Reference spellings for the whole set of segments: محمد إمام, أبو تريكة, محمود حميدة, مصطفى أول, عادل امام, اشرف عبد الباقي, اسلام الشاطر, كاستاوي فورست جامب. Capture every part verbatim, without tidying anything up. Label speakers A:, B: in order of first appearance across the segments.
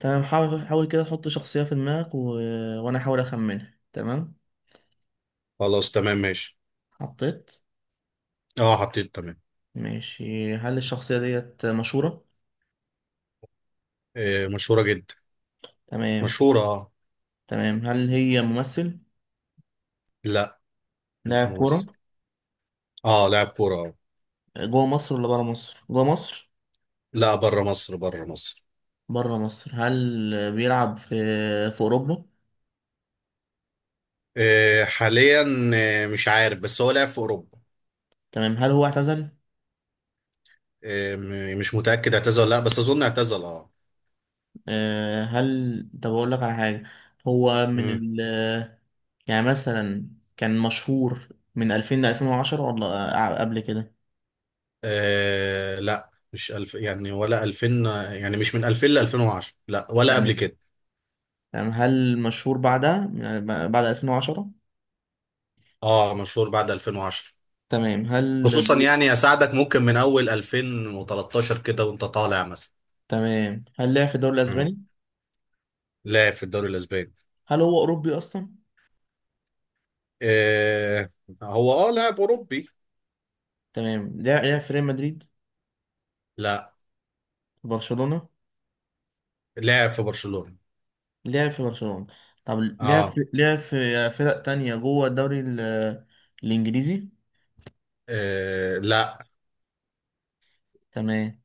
A: تمام حاول حاول كده تحط شخصية في دماغك و... وأنا أحاول أخمنها. تمام
B: خلاص، تمام، ماشي.
A: حطيت.
B: اه حطيت، تمام.
A: ماشي، هل الشخصية ديت مشهورة؟
B: آه، مشهورة جدا.
A: تمام
B: مشهورة، اه
A: تمام، هل هي ممثل؟
B: لا، مش
A: لاعب كورة؟
B: ممثل. اه لاعب كورة، اه.
A: جوه مصر ولا برا مصر؟ جوه مصر؟
B: لا، بره مصر، بره مصر.
A: برا مصر. هل بيلعب في في أوروبا؟
B: آه، حاليا. آه، مش عارف بس هو لاعب في أوروبا.
A: تمام، هل هو اعتزل؟
B: آه، م- مش متأكد اعتزل ولا لا، بس أظن اعتزل، اه.
A: أه هل، طب أقول لك على حاجة. هو من
B: مم.
A: ال يعني مثلا كان مشهور من ألفين ل ألفين وعشرة ولا آه، قبل كده؟
B: آه، لا، مش ألف يعني ولا ألفين. يعني مش من ألفين ل ألفين وعشرة، لا، ولا قبل
A: تمام.
B: كده.
A: تمام، هل مشهور بعدها يعني ب- بعد ألفين وعشرة؟
B: اه، مشهور بعد ألفين وعشرة.
A: تمام هل
B: خصوصا
A: بي...
B: يعني اساعدك ممكن من اول ألفين وتلتاشر كده وانت طالع مثلا.
A: تمام، هل لعب في الدوري الاسباني؟
B: لاعب في الدوري الاسباني.
A: هل هو اوروبي اصلا؟
B: آه، هو اه لاعب اوروبي.
A: تمام. لعب لعب في ريال مدريد؟
B: لا.
A: في برشلونة؟
B: لاعب في برشلونة.
A: لعب في برشلونة. طب لعب في
B: اه,
A: لعب في فرق تانية جوه الدوري ال- الانجليزي؟
B: آه. لا
A: تمام.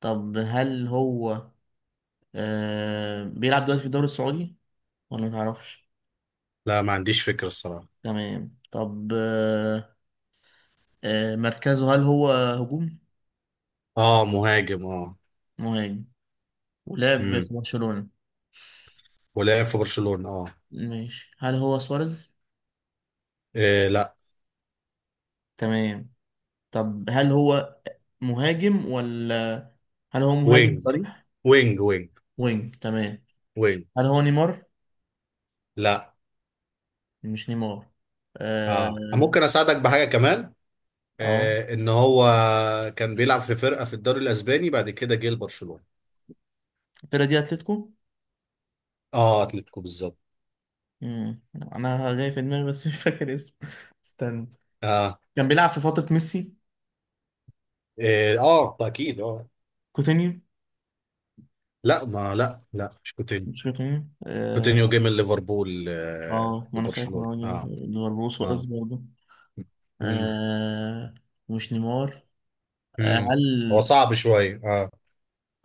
A: طب هل هو آه... بيلعب دلوقتي في الدوري السعودي ولا متعرفش؟
B: لا، ما عنديش فكرة الصراحة.
A: تمام. طب آه... آه... مركزه، هل هو هجوم؟
B: اه، مهاجم، اه.
A: مهاجم. ولعب
B: امم
A: في برشلونة.
B: ولاعب في برشلونة، اه,
A: ماشي، هل هو سواريز؟
B: آه. لا.
A: تمام. طب هل هو مهاجم ولا، هل هو مهاجم
B: وينج
A: صريح؟
B: وينج وينج
A: وينج. تمام.
B: وينج.
A: هل هو نيمار؟
B: لا.
A: مش نيمار.
B: اه،
A: اه.
B: ممكن اساعدك بحاجة كمان.
A: اه،
B: آه، ان هو كان بيلعب في فرقة في الدوري الاسباني، بعد كده جه لبرشلونة.
A: الفرقة دي اتلتيكو.
B: اه، اتلتيكو بالظبط.
A: مم. انا جاي في دماغي بس مش فاكر اسمه استنى.
B: اه
A: كان بيلعب في فترة ميسي.
B: اه, آه، اكيد، اه.
A: كوتينيو؟
B: لا، ما لا لا، مش كنت.
A: مش كوتينيو.
B: روتينيو جه
A: اه
B: من ليفربول، آه،
A: آه، ما انا فاكر إن
B: لبرشلونة،
A: هو
B: اه
A: ليفربول سواريز
B: اه.
A: برضه.
B: امم
A: آه مش نيمار. آه
B: امم هو
A: هل،
B: صعب شوية، اه.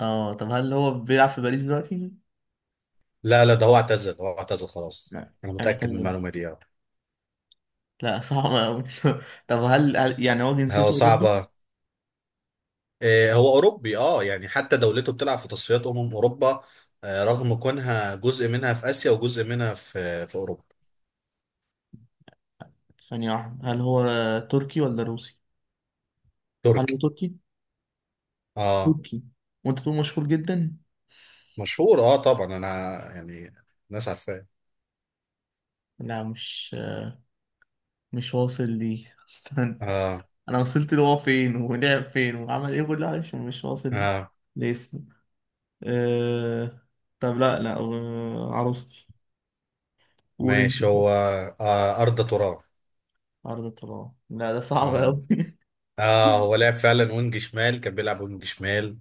A: اه طب هل هو بيلعب في باريس دلوقتي؟
B: لا لا، ده هو اعتزل، هو اعتزل خلاص،
A: لا
B: انا متأكد من
A: اعتذر،
B: المعلومة دي، اه.
A: لا صعب أوي طب هل, هل يعني هو
B: هو
A: جنسيته أوروبي؟
B: صعبة. آه، هو اوروبي، اه، يعني حتى دولته بتلعب في تصفيات امم اوروبا. آه، رغم كونها جزء منها في اسيا وجزء منها في في اوروبا.
A: ثانية واحدة، هل هو تركي ولا روسي؟ هل
B: تركي،
A: هو تركي؟
B: اه.
A: تركي؟ وأنت تكون مشهور جدا؟
B: مشهور، اه، طبعا. انا يعني الناس عارفاه.
A: لا، مش مش واصل ليه استنى.
B: اه
A: أنا وصلت له هو فين ولعب فين وعمل إيه كل حاجة، مش مش واصل
B: اه
A: لاسمه. أه... طب لا لا أه... عروستي. قول أنت.
B: ماشي. هو آه، أرض.
A: عرض الطلاق؟ لا ده صعب
B: تراب.
A: أوي
B: اه، هو لعب فعلا وينج شمال، كان بيلعب وينج شمال.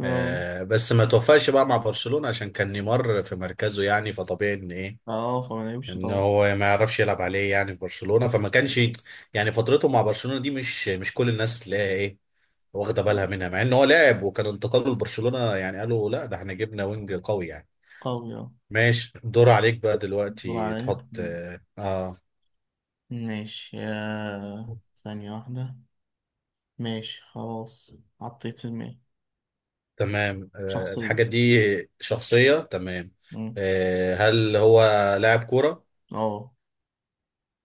A: أه
B: آه، بس ما توفقش بقى مع برشلونة عشان كان نيمار في مركزه، يعني فطبيعي ان ايه،
A: أه فما نعيبش
B: ان
A: طبعا.
B: هو ما يعرفش يلعب عليه يعني في برشلونة. فما كانش يعني فترته مع برشلونة دي مش مش كل الناس تلاقيها ايه، واخدة بالها منها، مع ان هو لاعب، وكان انتقاله لبرشلونة يعني قالوا لا ده احنا جبنا وينج قوي يعني.
A: قوي. أه
B: ماشي، الدور عليك بقى
A: دور
B: دلوقتي
A: عليا.
B: تحط اه, آه.
A: ماشي. آه، ثانية واحدة. ماشي خلاص، حطيت في دماغي
B: تمام، آه، الحاجة
A: شخصية.
B: دي شخصية، تمام.
A: مم.
B: آه، هل هو لاعب كورة؟
A: اه.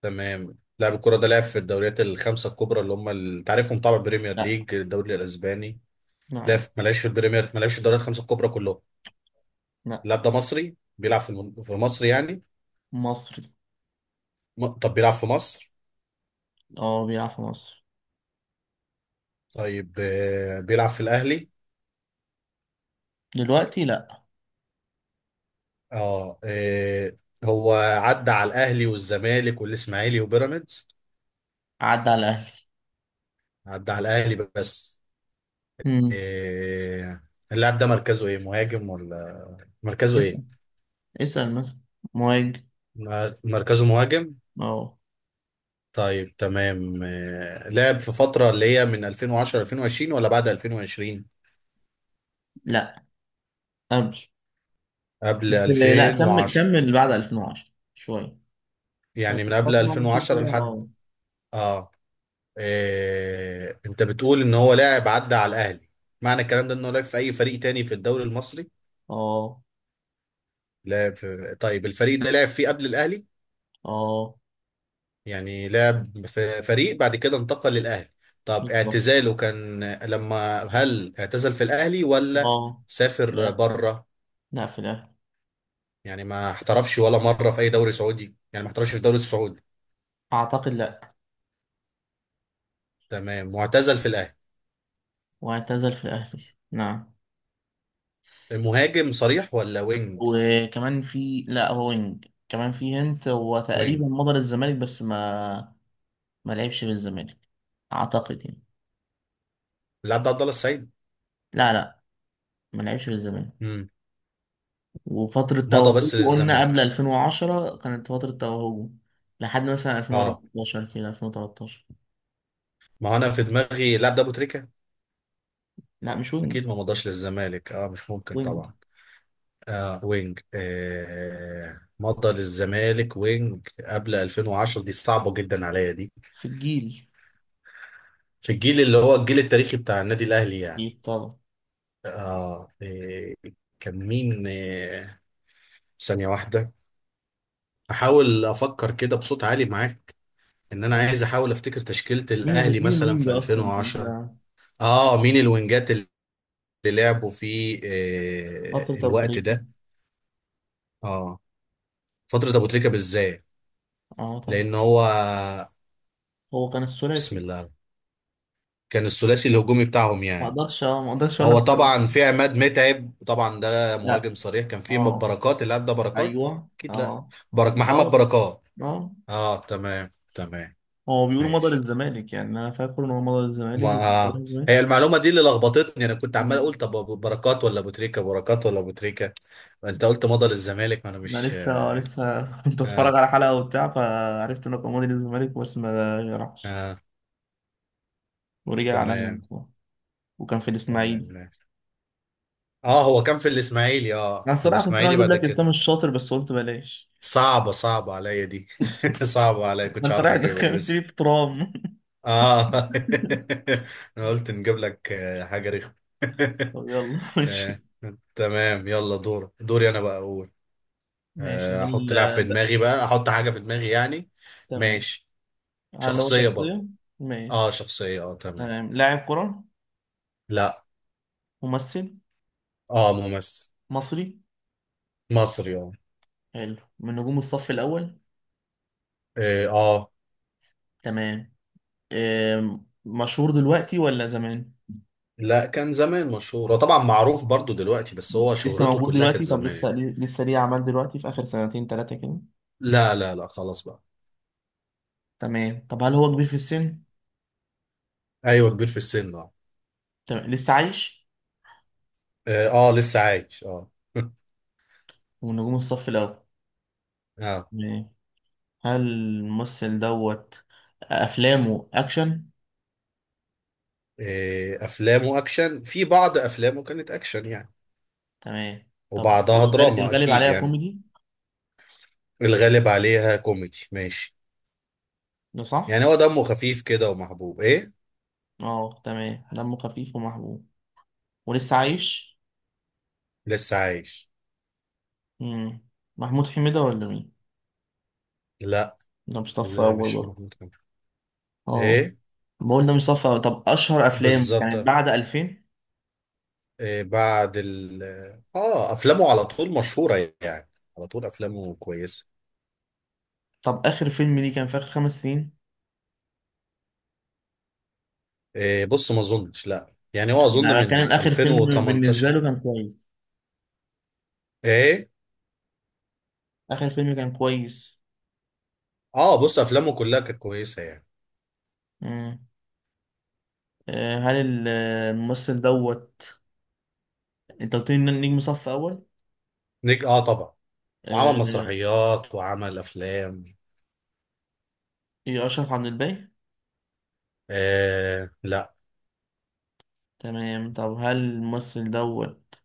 B: تمام. لاعب الكورة ده لعب في الدوريات الخمسة الكبرى اللي هم ال- تعرفهم طبعا، بريمير
A: لا.
B: ليج، الدوري الأسباني.
A: لا
B: لعب
A: لا
B: في- ما لعبش في البريمير، ما لعبش في الدوريات الخمسة الكبرى كلهم.
A: لا.
B: اللاعب ده مصري، بيلعب في الم- في مصر يعني.
A: مصري.
B: م- طب بيلعب في مصر.
A: اه بيلعب في مصر.
B: طيب، آه، بيلعب في الأهلي.
A: دلوقتي لا.
B: اه آه، هو عدى على الأهلي والزمالك والإسماعيلي وبيراميدز.
A: عدى على الأهلي.
B: عدى على الأهلي بس.
A: مم.
B: إيه، اللاعب ده مركزه ايه، مهاجم ولا مركزه ايه؟
A: اسأل. اسأل مثلا. مهاجم.
B: م- مركزه مهاجم.
A: اه.
B: طيب تمام، إيه، لعب في فترة اللي هي من ألفين وعشرة ألفين وعشرين ولا بعد ألفين وعشرين؟
A: لا قبل.
B: قبل
A: بس لا، كمل
B: ألفين وعشرة.
A: كمل، بعد ألفين وعشرة شوية. بس
B: يعني من
A: الفترة
B: قبل
A: اللي أنا بشوف
B: ألفين وعشرة
A: فيها
B: لحد.
A: اه.
B: اه، إيه، انت بتقول ان هو لاعب عدى على الاهلي. معنى الكلام ده انه لعب في اي فريق تاني في الدوري المصري.
A: اه.
B: لعب في... طيب الفريق ده لعب فيه قبل الاهلي؟
A: اه.
B: يعني لعب في فريق بعد كده انتقل للأهلي. طب
A: بالظبط.
B: اعتزاله كان لما، هل اعتزل في الأهلي ولا
A: اه.
B: سافر
A: لا.
B: بره؟
A: لا في الأهلي.
B: يعني ما احترفش ولا مرة في أي دوري سعودي، يعني ما احترفش في الدوري السعودي.
A: أعتقد لا.
B: تمام، واعتزل في الأهلي.
A: واعتزل في الأهلي. نعم.
B: المهاجم صريح ولا وينج؟
A: وكمان في، لا هو وينج كمان في هنت، هو تقريبا
B: وينج.
A: مضى للزمالك بس ما ما لعبش في الزمالك، أعتقد يعني.
B: اللاعب ده عبد الله السعيد؟
A: لا لا، ما لعبش في الزمالك.
B: امم
A: وفترة
B: مضى
A: توهجه
B: بس
A: قلنا
B: للزمالك.
A: قبل ألفين وعشرة كانت فترة توهجه، لحد مثلا
B: اه،
A: ألفين وأربعتاشر كده، ألفين وتلتاشر.
B: ما هو انا في دماغي اللاعب ده ابو تريكة.
A: لا مش وينج.
B: اكيد، ما مضاش للزمالك، اه، مش ممكن
A: وينج.
B: طبعا. آه وينج، آه مضى للزمالك وينج قبل ألفين وعشرة، دي صعبة جدا عليا دي.
A: في الجيل.
B: في الجيل اللي هو الجيل التاريخي بتاع النادي الأهلي يعني.
A: جيل طبعا.
B: آه آه، كان مين؟ آه، ثانية واحدة، أحاول أفكر كده بصوت عالي معاك. إن أنا
A: تمام.
B: عايز أحاول أفتكر تشكيلة
A: مين
B: الأهلي
A: ال... مين
B: مثلا
A: الوينج
B: في
A: أصلا
B: ألفين وعشرة.
A: أنت؟
B: آه، مين الوينجات اللي لعبوا في آه
A: فترة أبو
B: الوقت
A: تريكة.
B: ده؟ آه، فترة أبو تريكة بالذات،
A: أه طبعا.
B: لأن هو
A: هو كان
B: بسم
A: الثلاثي.
B: الله كان الثلاثي الهجومي بتاعهم
A: ما
B: يعني.
A: اقدرش، اه ما اقدرش اقول
B: هو
A: لك.
B: طبعا في عماد متعب، طبعا ده
A: لا.
B: مهاجم صريح. كان في
A: اه.
B: بركات، اللي قبل ده بركات.
A: ايوه
B: اكيد لا.
A: اه.
B: برك محمد
A: اه.
B: بركات.
A: اه.
B: اه، تمام تمام،
A: هو بيقولوا مضى
B: ماشي.
A: للزمالك، يعني انا فاكر ان هو مضى
B: ما
A: للزمالك وكنت عارف
B: آه.
A: إيه.
B: هي المعلومه دي اللي لخبطتني، انا كنت عمال اقول
A: أمم.
B: طب أبو بركات ولا ابو تريكه، بركات ولا ابو تريكه. انت قلت مضى للزمالك، ما انا
A: انا
B: مش، اه.
A: لسه لسه كنت
B: اه،
A: اتفرج على حلقه وبتاع، فعرفت انه كان مضى للزمالك بس ما راحش
B: آه،
A: ورجع على هنا،
B: تمام
A: وكان في
B: تمام
A: الاسماعيلي.
B: ماشي. اه، هو كان في الاسماعيلي،
A: انا
B: اه في
A: الصراحه كنت ناوي
B: الاسماعيلي
A: اجيب
B: بعد
A: لك اسلام
B: كده.
A: الشاطر بس قلت بلاش.
B: صعبه صعبه عليا دي. صعبه عليا،
A: ما
B: كنتش
A: انت
B: عارف
A: رايح
B: اجيبها دي
A: دخلتني
B: بس.
A: في ترام
B: اه انا قلت نجيب لك آه، حاجة رخمة.
A: طب يلا
B: آه،
A: ماشي.
B: تمام، يلا دور، دوري انا بقى اقول.
A: ماشي،
B: آه،
A: هل
B: احط لاعب في
A: ده،
B: دماغي، بقى احط حاجة في دماغي يعني.
A: تمام.
B: ماشي.
A: هل هو
B: شخصية برضو.
A: شخصيه؟
B: اه
A: ماشي.
B: شخصية، اه تمام.
A: تمام، لاعب كره؟
B: لا.
A: ممثل؟
B: اه ممثل.
A: مصري؟
B: مصري، اه.
A: حلو، من نجوم الصف الأول؟
B: اه، آه.
A: تمام. آم، مشهور دلوقتي ولا زمان؟
B: لا، كان زمان مشهور، هو طبعا معروف برضو دلوقتي بس هو
A: لسه
B: شهرته
A: موجود
B: كلها كانت
A: دلوقتي؟ طب لسه
B: زمان.
A: لسه ليه أعمال دلوقتي في آخر سنتين تلاتة كده؟
B: لا لا لا خلاص بقى.
A: تمام، طب هل هو كبير في السن؟
B: ايوه، كبير في السن، اه.
A: تمام، لسه عايش؟
B: اه، آه، لسه عايش، اه.
A: ومن نجوم الصف الأول.
B: اه.
A: تمام. هل الممثل دوت أفلامه أكشن؟
B: إيه، افلامه اكشن، في بعض افلامه كانت اكشن يعني،
A: تمام، طب
B: وبعضها
A: الغالب,
B: دراما
A: الغالب
B: اكيد
A: عليها
B: يعني.
A: كوميدي،
B: الغالب عليها كوميدي، ماشي.
A: ده صح؟
B: يعني هو دمه خفيف كده ومحبوب، ايه.
A: اه تمام، دمه خفيف ومحبوب، ولسه عايش؟
B: لسه عايش.
A: مم. محمود حميدة ولا مين؟
B: لا،
A: ده مصطفى
B: لا
A: أول
B: مش
A: برضه؟
B: محمود كامل.
A: اه،
B: ايه.
A: ما قلنا مصطفى. طب اشهر افلام
B: بالظبط.
A: كانت بعد ألفين؟
B: إيه، بعد ال اه افلامه على طول مشهورة يعني، على طول افلامه كويسة.
A: طب اخر فيلم ليه كان في اخر خمس سنين؟
B: إيه، بص، ما اظنش لا، يعني هو اظن
A: انا كان
B: من
A: اخر فيلم بالنسبه
B: ألفين وتمنتاشر.
A: له كان كويس؟
B: ايه،
A: اخر فيلم كان كويس.
B: اه، بص افلامه كلها كانت كويسة يعني.
A: مم. آه، هل ال- الممثل دوت، انت قلت لي إن نجم صف اول.
B: نجم، اه طبعا، وعمل
A: آه،
B: مسرحيات وعمل افلام.
A: ايه اشرف عبد الباقي؟
B: آه لا.
A: تمام، طب هل الممثل دوت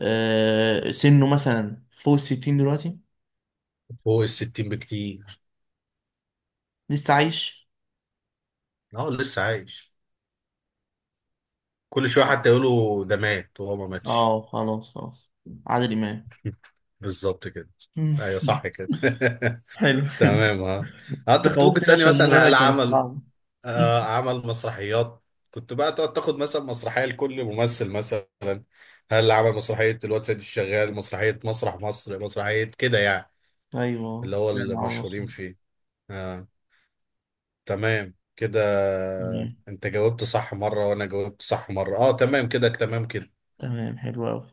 A: آه، سنه مثلا فوق الستين دلوقتي؟
B: فوق الستين بكتير.
A: لسه عايش؟
B: اه، لسه عايش. كل شويه حتى يقولوا ده مات وهو ما ماتش.
A: اه خلاص خلاص، عادل امام؟
B: بالظبط كده. ايوه، صح كده.
A: حلو
B: تمام، ها، انت
A: انت
B: كنت ممكن
A: خوفتني
B: تسالني
A: عشان المرة
B: مثلا
A: اللي
B: هل
A: كانت
B: عمل،
A: صعبة.
B: آه، عمل مسرحيات. كنت بقى تقعد تاخد مثلا مسرحيه لكل ممثل مثلا، هل عمل مسرحيه الواد سيد الشغال، مسرحيه مسرح مصر، مسرحيه كده يعني،
A: ايوه،
B: اللي هو
A: لا معاهم
B: المشهورين
A: مصر.
B: فيه. آه. تمام كده، انت جاوبت صح مرة وانا جاوبت صح مرة، اه تمام كده، تمام كده.
A: تمام حلو قوي.